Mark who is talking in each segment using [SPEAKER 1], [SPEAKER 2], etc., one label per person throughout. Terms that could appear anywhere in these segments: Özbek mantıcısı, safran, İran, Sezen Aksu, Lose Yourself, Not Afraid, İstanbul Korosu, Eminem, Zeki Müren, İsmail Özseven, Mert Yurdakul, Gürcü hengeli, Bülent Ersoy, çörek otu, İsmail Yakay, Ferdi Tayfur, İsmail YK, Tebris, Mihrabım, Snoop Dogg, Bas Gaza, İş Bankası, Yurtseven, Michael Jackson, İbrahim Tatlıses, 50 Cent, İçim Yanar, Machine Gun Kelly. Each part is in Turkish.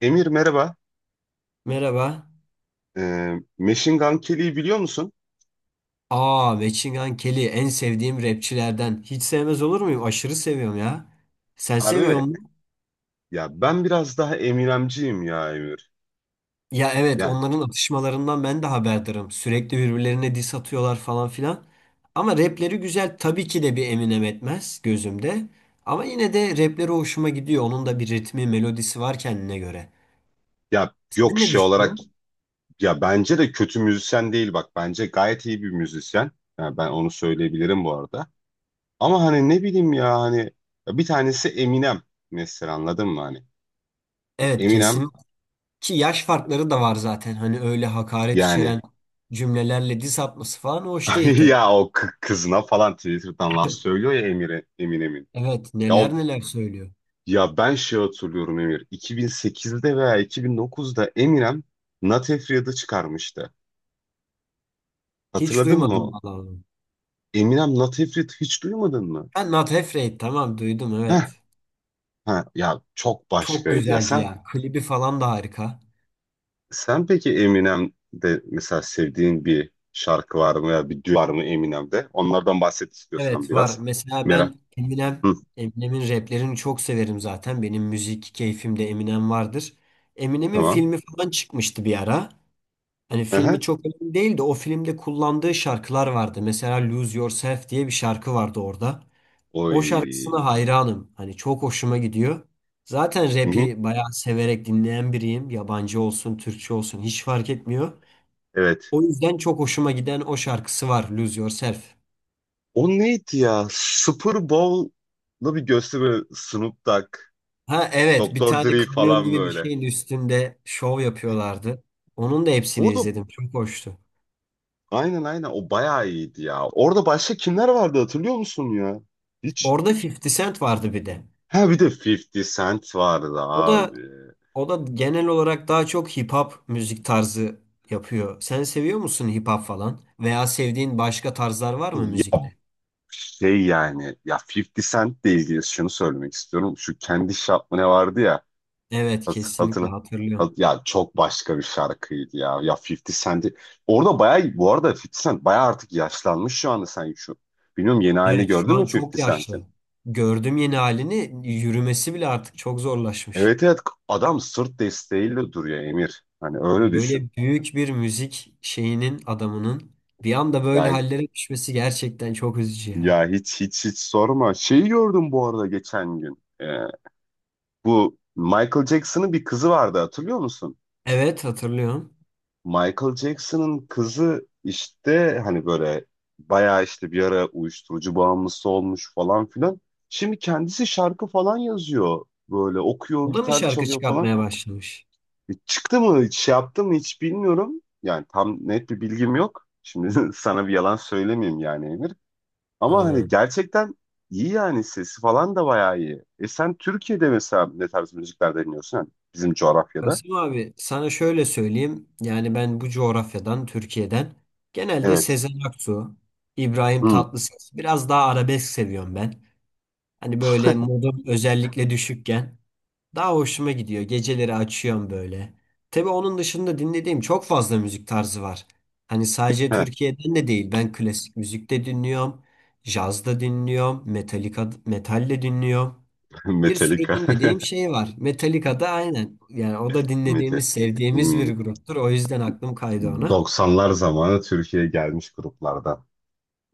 [SPEAKER 1] Emir, merhaba.
[SPEAKER 2] Merhaba.
[SPEAKER 1] Machine Gun Kelly'yi biliyor musun?
[SPEAKER 2] Aa, Machine Gun Kelly en sevdiğim rapçilerden. Hiç sevmez olur muyum? Aşırı seviyorum ya. Sen
[SPEAKER 1] Harbi
[SPEAKER 2] seviyor
[SPEAKER 1] mi?
[SPEAKER 2] musun?
[SPEAKER 1] Ya ben biraz daha Eminemciyim ya Emir.
[SPEAKER 2] Ya evet
[SPEAKER 1] Yani
[SPEAKER 2] onların atışmalarından ben de haberdarım. Sürekli birbirlerine diss atıyorlar falan filan. Ama rapleri güzel. Tabii ki de bir Eminem etmez gözümde. Ama yine de rapleri hoşuma gidiyor. Onun da bir ritmi, melodisi var kendine göre.
[SPEAKER 1] ya yok,
[SPEAKER 2] Sen ne
[SPEAKER 1] şey olarak
[SPEAKER 2] düşünüyorsun?
[SPEAKER 1] ya bence de kötü müzisyen değil, bak. Bence gayet iyi bir müzisyen. Ya ben onu söyleyebilirim bu arada. Ama hani ne bileyim ya, hani ya bir tanesi Eminem mesela, anladın mı hani?
[SPEAKER 2] Evet
[SPEAKER 1] Eminem,
[SPEAKER 2] kesin. Ki yaş farkları da var zaten. Hani öyle hakaret
[SPEAKER 1] yani.
[SPEAKER 2] içeren cümlelerle diss atması falan hoş değil tabii.
[SPEAKER 1] Ya o kızına falan Twitter'dan laf söylüyor ya, Emir'e Eminem'in.
[SPEAKER 2] Evet
[SPEAKER 1] Ya o.
[SPEAKER 2] neler neler söylüyor.
[SPEAKER 1] Ya ben şey hatırlıyorum Emir. 2008'de veya 2009'da Eminem Not Afraid'ı çıkarmıştı.
[SPEAKER 2] Hiç
[SPEAKER 1] Hatırladın mı,
[SPEAKER 2] duymadım
[SPEAKER 1] o?
[SPEAKER 2] vallahi.
[SPEAKER 1] Eminem Not Afraid hiç duymadın mı?
[SPEAKER 2] Ben Not Afraid tamam duydum
[SPEAKER 1] Heh,
[SPEAKER 2] evet.
[SPEAKER 1] ha ya çok
[SPEAKER 2] Çok
[SPEAKER 1] başkaydı ya.
[SPEAKER 2] güzeldi
[SPEAKER 1] Sen
[SPEAKER 2] ya. Klibi falan da harika.
[SPEAKER 1] sen peki Eminem'de mesela sevdiğin bir şarkı var mı, ya bir düet var mı Eminem'de? Onlardan bahset istiyorsan
[SPEAKER 2] Evet var.
[SPEAKER 1] biraz.
[SPEAKER 2] Mesela
[SPEAKER 1] Merak.
[SPEAKER 2] ben Eminem,
[SPEAKER 1] Hı,
[SPEAKER 2] Eminem'in raplerini çok severim zaten. Benim müzik keyfimde Eminem vardır. Eminem'in
[SPEAKER 1] tamam.
[SPEAKER 2] filmi falan çıkmıştı bir ara. Hani
[SPEAKER 1] Aha.
[SPEAKER 2] filmi çok önemli değil de o filmde kullandığı şarkılar vardı. Mesela Lose Yourself diye bir şarkı vardı orada. O şarkısına
[SPEAKER 1] Oy.
[SPEAKER 2] hayranım. Hani çok hoşuma gidiyor. Zaten
[SPEAKER 1] Hı hı.
[SPEAKER 2] rap'i bayağı severek dinleyen biriyim. Yabancı olsun, Türkçe olsun hiç fark etmiyor.
[SPEAKER 1] Evet.
[SPEAKER 2] O yüzden çok hoşuma giden o şarkısı var, Lose Yourself.
[SPEAKER 1] O neydi ya? Super Bowl'da bir gösteri, Snoop Dogg.
[SPEAKER 2] Ha evet, bir
[SPEAKER 1] Doktor
[SPEAKER 2] tane
[SPEAKER 1] Dre
[SPEAKER 2] kamyon
[SPEAKER 1] falan
[SPEAKER 2] gibi bir
[SPEAKER 1] böyle.
[SPEAKER 2] şeyin üstünde şov yapıyorlardı. Onun da hepsini
[SPEAKER 1] Orada
[SPEAKER 2] izledim. Çok hoştu.
[SPEAKER 1] aynen, aynen o bayağı iyiydi ya. Orada başka kimler vardı, hatırlıyor musun ya? Hiç.
[SPEAKER 2] Orada 50 Cent vardı bir de.
[SPEAKER 1] Ha, bir de 50 Cent vardı
[SPEAKER 2] O da
[SPEAKER 1] abi.
[SPEAKER 2] o da genel olarak daha çok hip hop müzik tarzı yapıyor. Sen seviyor musun hip hop falan? Veya sevdiğin başka tarzlar var mı
[SPEAKER 1] Ya
[SPEAKER 2] müzikte?
[SPEAKER 1] şey yani, ya 50 Cent'le ilgili şunu söylemek istiyorum. Şu kendi şarkı ne vardı ya,
[SPEAKER 2] Evet kesinlikle
[SPEAKER 1] hatırla.
[SPEAKER 2] hatırlıyorum.
[SPEAKER 1] Ya çok başka bir şarkıydı ya. Ya 50 Cent'i orada bayağı, bu arada 50 Cent bayağı artık yaşlanmış şu anda, sen şu. Bilmiyorum, yeni halini
[SPEAKER 2] Evet şu
[SPEAKER 1] gördün mü
[SPEAKER 2] an çok
[SPEAKER 1] 50 Cent'in?
[SPEAKER 2] yaşlı. Gördüm yeni halini yürümesi bile artık çok zorlaşmış.
[SPEAKER 1] Evet, evet, adam sırt desteğiyle duruyor Emir. Hani öyle düşün.
[SPEAKER 2] Böyle büyük bir müzik şeyinin adamının bir anda böyle
[SPEAKER 1] Ya,
[SPEAKER 2] hallere düşmesi gerçekten çok üzücü ya.
[SPEAKER 1] ya hiç, hiç, hiç sorma. Şeyi gördüm bu arada geçen gün. Bu Michael Jackson'ın bir kızı vardı, hatırlıyor musun?
[SPEAKER 2] Evet hatırlıyorum.
[SPEAKER 1] Michael Jackson'ın kızı işte hani böyle bayağı işte bir ara uyuşturucu bağımlısı olmuş falan filan. Şimdi kendisi şarkı falan yazıyor. Böyle okuyor,
[SPEAKER 2] O da mı
[SPEAKER 1] gitar
[SPEAKER 2] şarkı
[SPEAKER 1] çalıyor falan.
[SPEAKER 2] çıkartmaya başlamış?
[SPEAKER 1] Çıktı mı, hiç şey yaptı mı hiç bilmiyorum. Yani tam net bir bilgim yok. Şimdi sana bir yalan söylemeyeyim yani Emir. Ama hani
[SPEAKER 2] Ha.
[SPEAKER 1] gerçekten iyi yani, sesi falan da bayağı iyi. E sen Türkiye'de mesela ne tarz müzikler dinliyorsun? Yani bizim coğrafyada.
[SPEAKER 2] Kasım abi sana şöyle söyleyeyim. Yani ben bu coğrafyadan Türkiye'den genelde
[SPEAKER 1] Evet.
[SPEAKER 2] Sezen Aksu, İbrahim
[SPEAKER 1] Hmm.
[SPEAKER 2] Tatlıses biraz daha arabesk seviyorum ben. Hani böyle modum özellikle düşükken daha hoşuma gidiyor. Geceleri açıyorum böyle. Tabii onun dışında dinlediğim çok fazla müzik tarzı var. Hani sadece Türkiye'den de değil. Ben klasik müzik de dinliyorum. Caz da dinliyorum. Metallica, metal de dinliyorum. Bir sürü
[SPEAKER 1] Metallica.
[SPEAKER 2] dinlediğim şey var. Metallica da aynen. Yani o da
[SPEAKER 1] Metal.
[SPEAKER 2] dinlediğimiz, sevdiğimiz
[SPEAKER 1] Hmm.
[SPEAKER 2] bir gruptur. O yüzden aklım kaydı ona.
[SPEAKER 1] 90'lar zamanı Türkiye'ye gelmiş gruplardan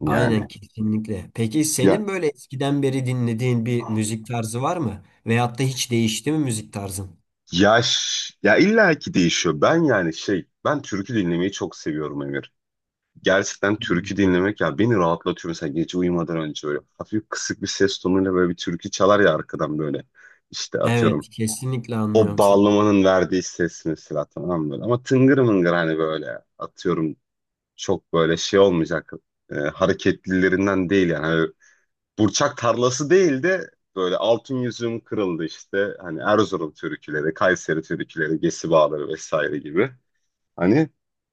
[SPEAKER 1] yani.
[SPEAKER 2] Aynen kesinlikle. Peki
[SPEAKER 1] Ya
[SPEAKER 2] senin böyle eskiden beri dinlediğin bir müzik tarzı var mı? Veyahut da hiç değişti mi müzik tarzın?
[SPEAKER 1] yaş ya illaki değişiyor. Ben yani şey, ben türkü dinlemeyi çok seviyorum Emir. Gerçekten türkü
[SPEAKER 2] Hmm.
[SPEAKER 1] dinlemek ya beni rahatlatıyor. Mesela gece uyumadan önce böyle hafif kısık bir ses tonuyla böyle bir türkü çalar ya arkadan böyle. İşte atıyorum,
[SPEAKER 2] Evet, kesinlikle
[SPEAKER 1] o
[SPEAKER 2] anlıyorum seni.
[SPEAKER 1] bağlamanın verdiği ses mesela, tamam mı, böyle. Ama tıngır mıngır hani böyle, atıyorum çok böyle şey olmayacak, hareketlilerinden değil yani. Hani burçak tarlası değil de böyle altın yüzüğüm kırıldı işte. Hani Erzurum türküleri, Kayseri türküleri, Gesi Bağları vesaire gibi. Hani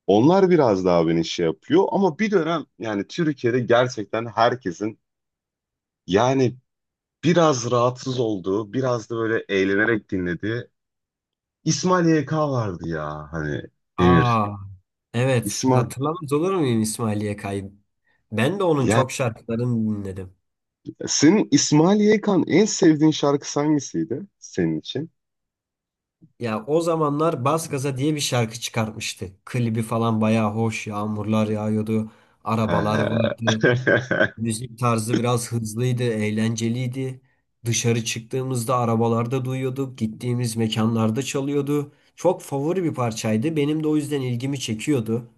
[SPEAKER 1] onlar biraz daha beni şey yapıyor, ama bir dönem yani Türkiye'de gerçekten herkesin yani biraz rahatsız olduğu, biraz da böyle eğlenerek dinlediği İsmail YK vardı ya, hani Emir.
[SPEAKER 2] Aa, evet.
[SPEAKER 1] İsmail.
[SPEAKER 2] Hatırlamaz olur muyum İsmail Yakay'ı? Ben de onun
[SPEAKER 1] Yani
[SPEAKER 2] çok şarkılarını dinledim.
[SPEAKER 1] senin İsmail YK'nın en sevdiğin şarkısı hangisiydi senin için?
[SPEAKER 2] Ya o zamanlar Bas Gaza diye bir şarkı çıkartmıştı. Klibi falan bayağı hoş, yağmurlar yağıyordu, arabalar
[SPEAKER 1] He.
[SPEAKER 2] vardı. Müzik tarzı biraz hızlıydı, eğlenceliydi. Dışarı çıktığımızda arabalarda duyuyorduk, gittiğimiz mekanlarda çalıyordu. Çok favori bir parçaydı. Benim de o yüzden ilgimi çekiyordu.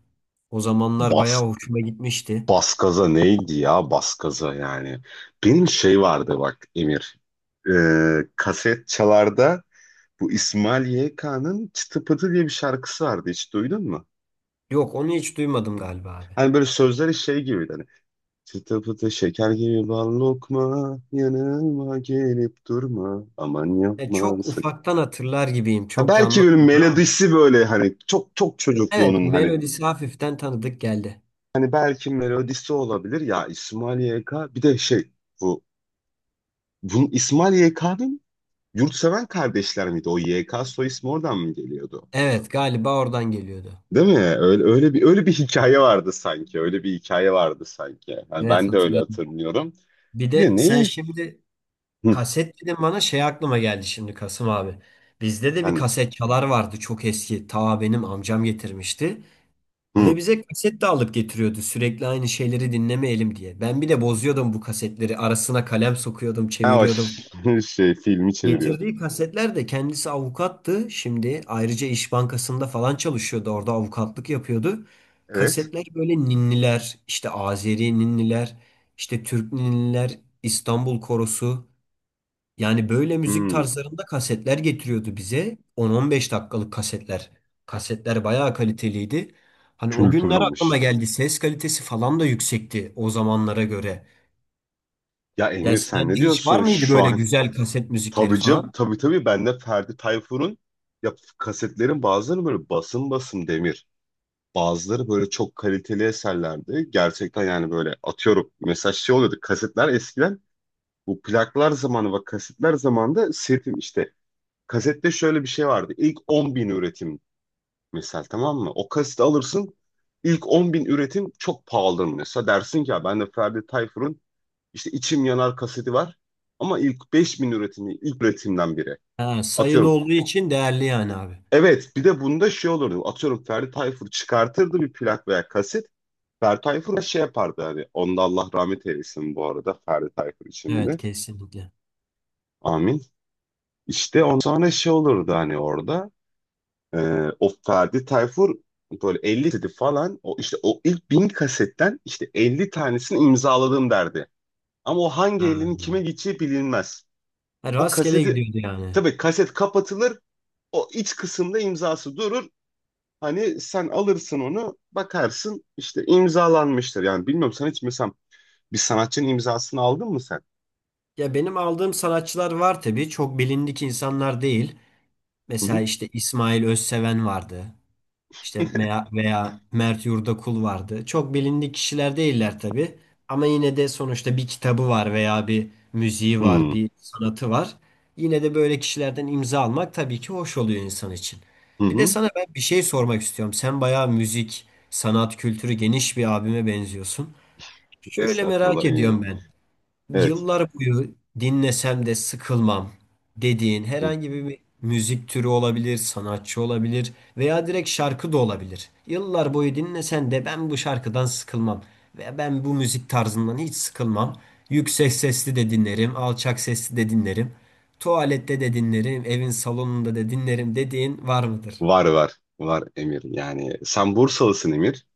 [SPEAKER 2] O zamanlar
[SPEAKER 1] Bas,
[SPEAKER 2] bayağı hoşuma gitmişti.
[SPEAKER 1] Baskaza neydi ya, Baskaza yani. Benim şey vardı bak Emir. Kaset çalarda bu İsmail YK'nın Çıtı Pıtı diye bir şarkısı vardı, hiç duydun mu?
[SPEAKER 2] Yok, onu hiç duymadım galiba abi.
[SPEAKER 1] Hani böyle sözleri şey gibiydi hani. Çıtı pıtı şeker gibi bal lokma, yanıma gelip durma, aman
[SPEAKER 2] E,
[SPEAKER 1] yapma
[SPEAKER 2] çok
[SPEAKER 1] sık.
[SPEAKER 2] ufaktan hatırlar gibiyim.
[SPEAKER 1] Ha,
[SPEAKER 2] Çok
[SPEAKER 1] belki böyle
[SPEAKER 2] canlanmadı ama.
[SPEAKER 1] melodisi böyle hani çok çok
[SPEAKER 2] Evet,
[SPEAKER 1] çocukluğunun hani,
[SPEAKER 2] melodisi hafiften tanıdık geldi.
[SPEAKER 1] hani belki melodisi olabilir ya. İsmail YK bir de şey, bu, bunun İsmail YK'nın, Yurtseven kardeşler miydi? O YK soy ismi oradan mı geliyordu?
[SPEAKER 2] Evet, galiba oradan geliyordu.
[SPEAKER 1] Değil mi? Öyle, öyle bir hikaye vardı sanki. Öyle bir hikaye vardı sanki. Yani
[SPEAKER 2] Evet
[SPEAKER 1] ben de öyle
[SPEAKER 2] hatırladım.
[SPEAKER 1] hatırlıyorum.
[SPEAKER 2] Bir
[SPEAKER 1] Bir
[SPEAKER 2] de
[SPEAKER 1] de
[SPEAKER 2] sen
[SPEAKER 1] neyi?
[SPEAKER 2] şimdi
[SPEAKER 1] Hı,
[SPEAKER 2] kaset dedim bana şey aklıma geldi şimdi Kasım abi. Bizde de bir
[SPEAKER 1] efendim.
[SPEAKER 2] kaset çalar vardı çok eski. Ta benim amcam getirmişti.
[SPEAKER 1] Hı.
[SPEAKER 2] Ve bize kaset de alıp getiriyordu sürekli aynı şeyleri dinlemeyelim diye. Ben bir de bozuyordum bu kasetleri. Arasına kalem sokuyordum,
[SPEAKER 1] Ha,
[SPEAKER 2] çeviriyordum.
[SPEAKER 1] şey filmi çeviriyordum.
[SPEAKER 2] Getirdiği kasetler de kendisi avukattı. Şimdi ayrıca İş Bankası'nda falan çalışıyordu. Orada avukatlık yapıyordu.
[SPEAKER 1] Evet.
[SPEAKER 2] Kasetler böyle ninniler, işte Azeri ninniler, işte Türk ninniler, İstanbul Korosu. Yani böyle müzik
[SPEAKER 1] Hı,
[SPEAKER 2] tarzlarında kasetler getiriyordu bize. 10-15 dakikalık kasetler. Kasetler bayağı kaliteliydi. Hani o günler aklıma
[SPEAKER 1] kültürlenmiş.
[SPEAKER 2] geldi. Ses kalitesi falan da yüksekti o zamanlara göre.
[SPEAKER 1] Ya
[SPEAKER 2] Ya
[SPEAKER 1] Emir, sen ne
[SPEAKER 2] sende hiç var
[SPEAKER 1] diyorsun
[SPEAKER 2] mıydı
[SPEAKER 1] şu
[SPEAKER 2] böyle
[SPEAKER 1] an?
[SPEAKER 2] güzel kaset müzikleri
[SPEAKER 1] Tabii canım,
[SPEAKER 2] falan?
[SPEAKER 1] tabii, tabii ben de Ferdi Tayfur'un, ya kasetlerin bazıları böyle basım basım demir. Bazıları böyle çok kaliteli eserlerdi. Gerçekten yani böyle, atıyorum. Mesela şey oluyordu kasetler eskiden. Bu plaklar zamanı ve kasetler zamanında sirtim işte. Kasette şöyle bir şey vardı. İlk 10 bin üretim mesela, tamam mı? O kaseti alırsın. İlk 10 bin üretim çok pahalıdır mesela. Dersin ki ya, ben de Ferdi Tayfur'un işte İçim Yanar kaseti var. Ama ilk 5 bin üretimi, ilk üretimden biri.
[SPEAKER 2] Ha, sayılı
[SPEAKER 1] Atıyorum.
[SPEAKER 2] olduğu için değerli yani abi.
[SPEAKER 1] Evet, bir de bunda şey olurdu. Atıyorum, Ferdi Tayfur çıkartırdı bir plak veya kaset. Ferdi Tayfur'a şey yapardı hani. Onda, Allah rahmet eylesin bu arada Ferdi Tayfur için
[SPEAKER 2] Evet
[SPEAKER 1] de.
[SPEAKER 2] kesinlikle.
[SPEAKER 1] Amin. İşte ondan sonra şey olurdu hani orada. e, o Ferdi Tayfur böyle 50 kaseti falan, o işte o ilk 1000 kasetten işte 50 tanesini imzaladım derdi. Ama o hangi
[SPEAKER 2] Ha.
[SPEAKER 1] elinin kime gideceği bilinmez.
[SPEAKER 2] Ha,
[SPEAKER 1] O
[SPEAKER 2] rastgele
[SPEAKER 1] kaseti,
[SPEAKER 2] gidiyordu yani.
[SPEAKER 1] tabii kaset kapatılır. O iç kısımda imzası durur. Hani sen alırsın onu, bakarsın işte, imzalanmıştır. Yani bilmiyorum, sen hiç mesela bir sanatçının imzasını aldın mı sen?
[SPEAKER 2] Ya benim aldığım sanatçılar var tabii. Çok bilindik insanlar değil.
[SPEAKER 1] Hı hı.
[SPEAKER 2] Mesela işte İsmail Özseven vardı. İşte veya Mert Yurdakul vardı. Çok bilindik kişiler değiller tabii. Ama yine de sonuçta bir kitabı var veya bir müziği var,
[SPEAKER 1] Hı
[SPEAKER 2] bir sanatı var. Yine de böyle kişilerden imza almak tabii ki hoş oluyor insan için.
[SPEAKER 1] hı.
[SPEAKER 2] Bir de
[SPEAKER 1] Hı.
[SPEAKER 2] sana ben bir şey sormak istiyorum. Sen bayağı müzik, sanat, kültürü geniş bir abime benziyorsun. Şöyle merak
[SPEAKER 1] Estağfurullah, eminim.
[SPEAKER 2] ediyorum ben.
[SPEAKER 1] Evet.
[SPEAKER 2] Yıllar boyu dinlesem de sıkılmam dediğin
[SPEAKER 1] Hı.
[SPEAKER 2] herhangi bir müzik türü olabilir, sanatçı olabilir veya direkt şarkı da olabilir. Yıllar boyu dinlesen de ben bu şarkıdan sıkılmam ve ben bu müzik tarzından hiç sıkılmam. Yüksek sesli de dinlerim, alçak sesli de dinlerim. Tuvalette de dinlerim, evin salonunda da dinlerim dediğin var mıdır?
[SPEAKER 1] Var, var. Var Emir. Yani sen Bursalısın Emir.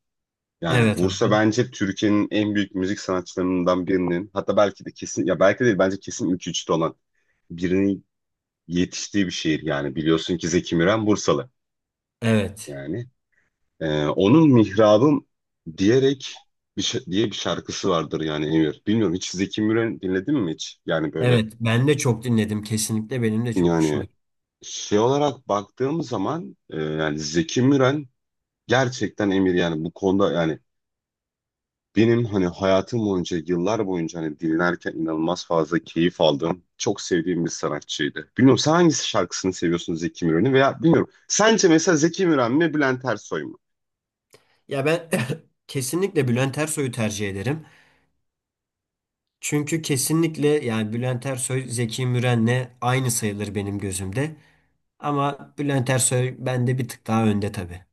[SPEAKER 1] Yani
[SPEAKER 2] Evet
[SPEAKER 1] Bursa
[SPEAKER 2] abi.
[SPEAKER 1] bence Türkiye'nin en büyük müzik sanatçılarından birinin, hatta belki de kesin ya belki değil bence kesin ilk üçte olan birinin yetiştiği bir şehir, yani biliyorsun ki Zeki Müren Bursalı
[SPEAKER 2] Evet.
[SPEAKER 1] yani. Onun Mihrabım diyerek diye bir şarkısı vardır yani Emir. Bilmiyorum, hiç Zeki Müren dinledin mi hiç? Yani böyle
[SPEAKER 2] Evet, ben de çok dinledim kesinlikle benim de çok
[SPEAKER 1] yani
[SPEAKER 2] hoşuma.
[SPEAKER 1] şey olarak baktığım zaman, yani Zeki Müren, gerçekten Emir yani bu konuda yani. Benim hani hayatım boyunca, yıllar boyunca hani dinlerken inanılmaz fazla keyif aldığım, çok sevdiğim bir sanatçıydı. Bilmiyorum sen hangisi şarkısını seviyorsun Zeki Müren'in veya bilmiyorum. Sence mesela Zeki Müren mi, Bülent Ersoy mu?
[SPEAKER 2] Ya ben kesinlikle Bülent Ersoy'u tercih ederim. Çünkü kesinlikle yani Bülent Ersoy Zeki Müren'le aynı sayılır benim gözümde. Ama Bülent Ersoy bende bir tık daha önde tabii.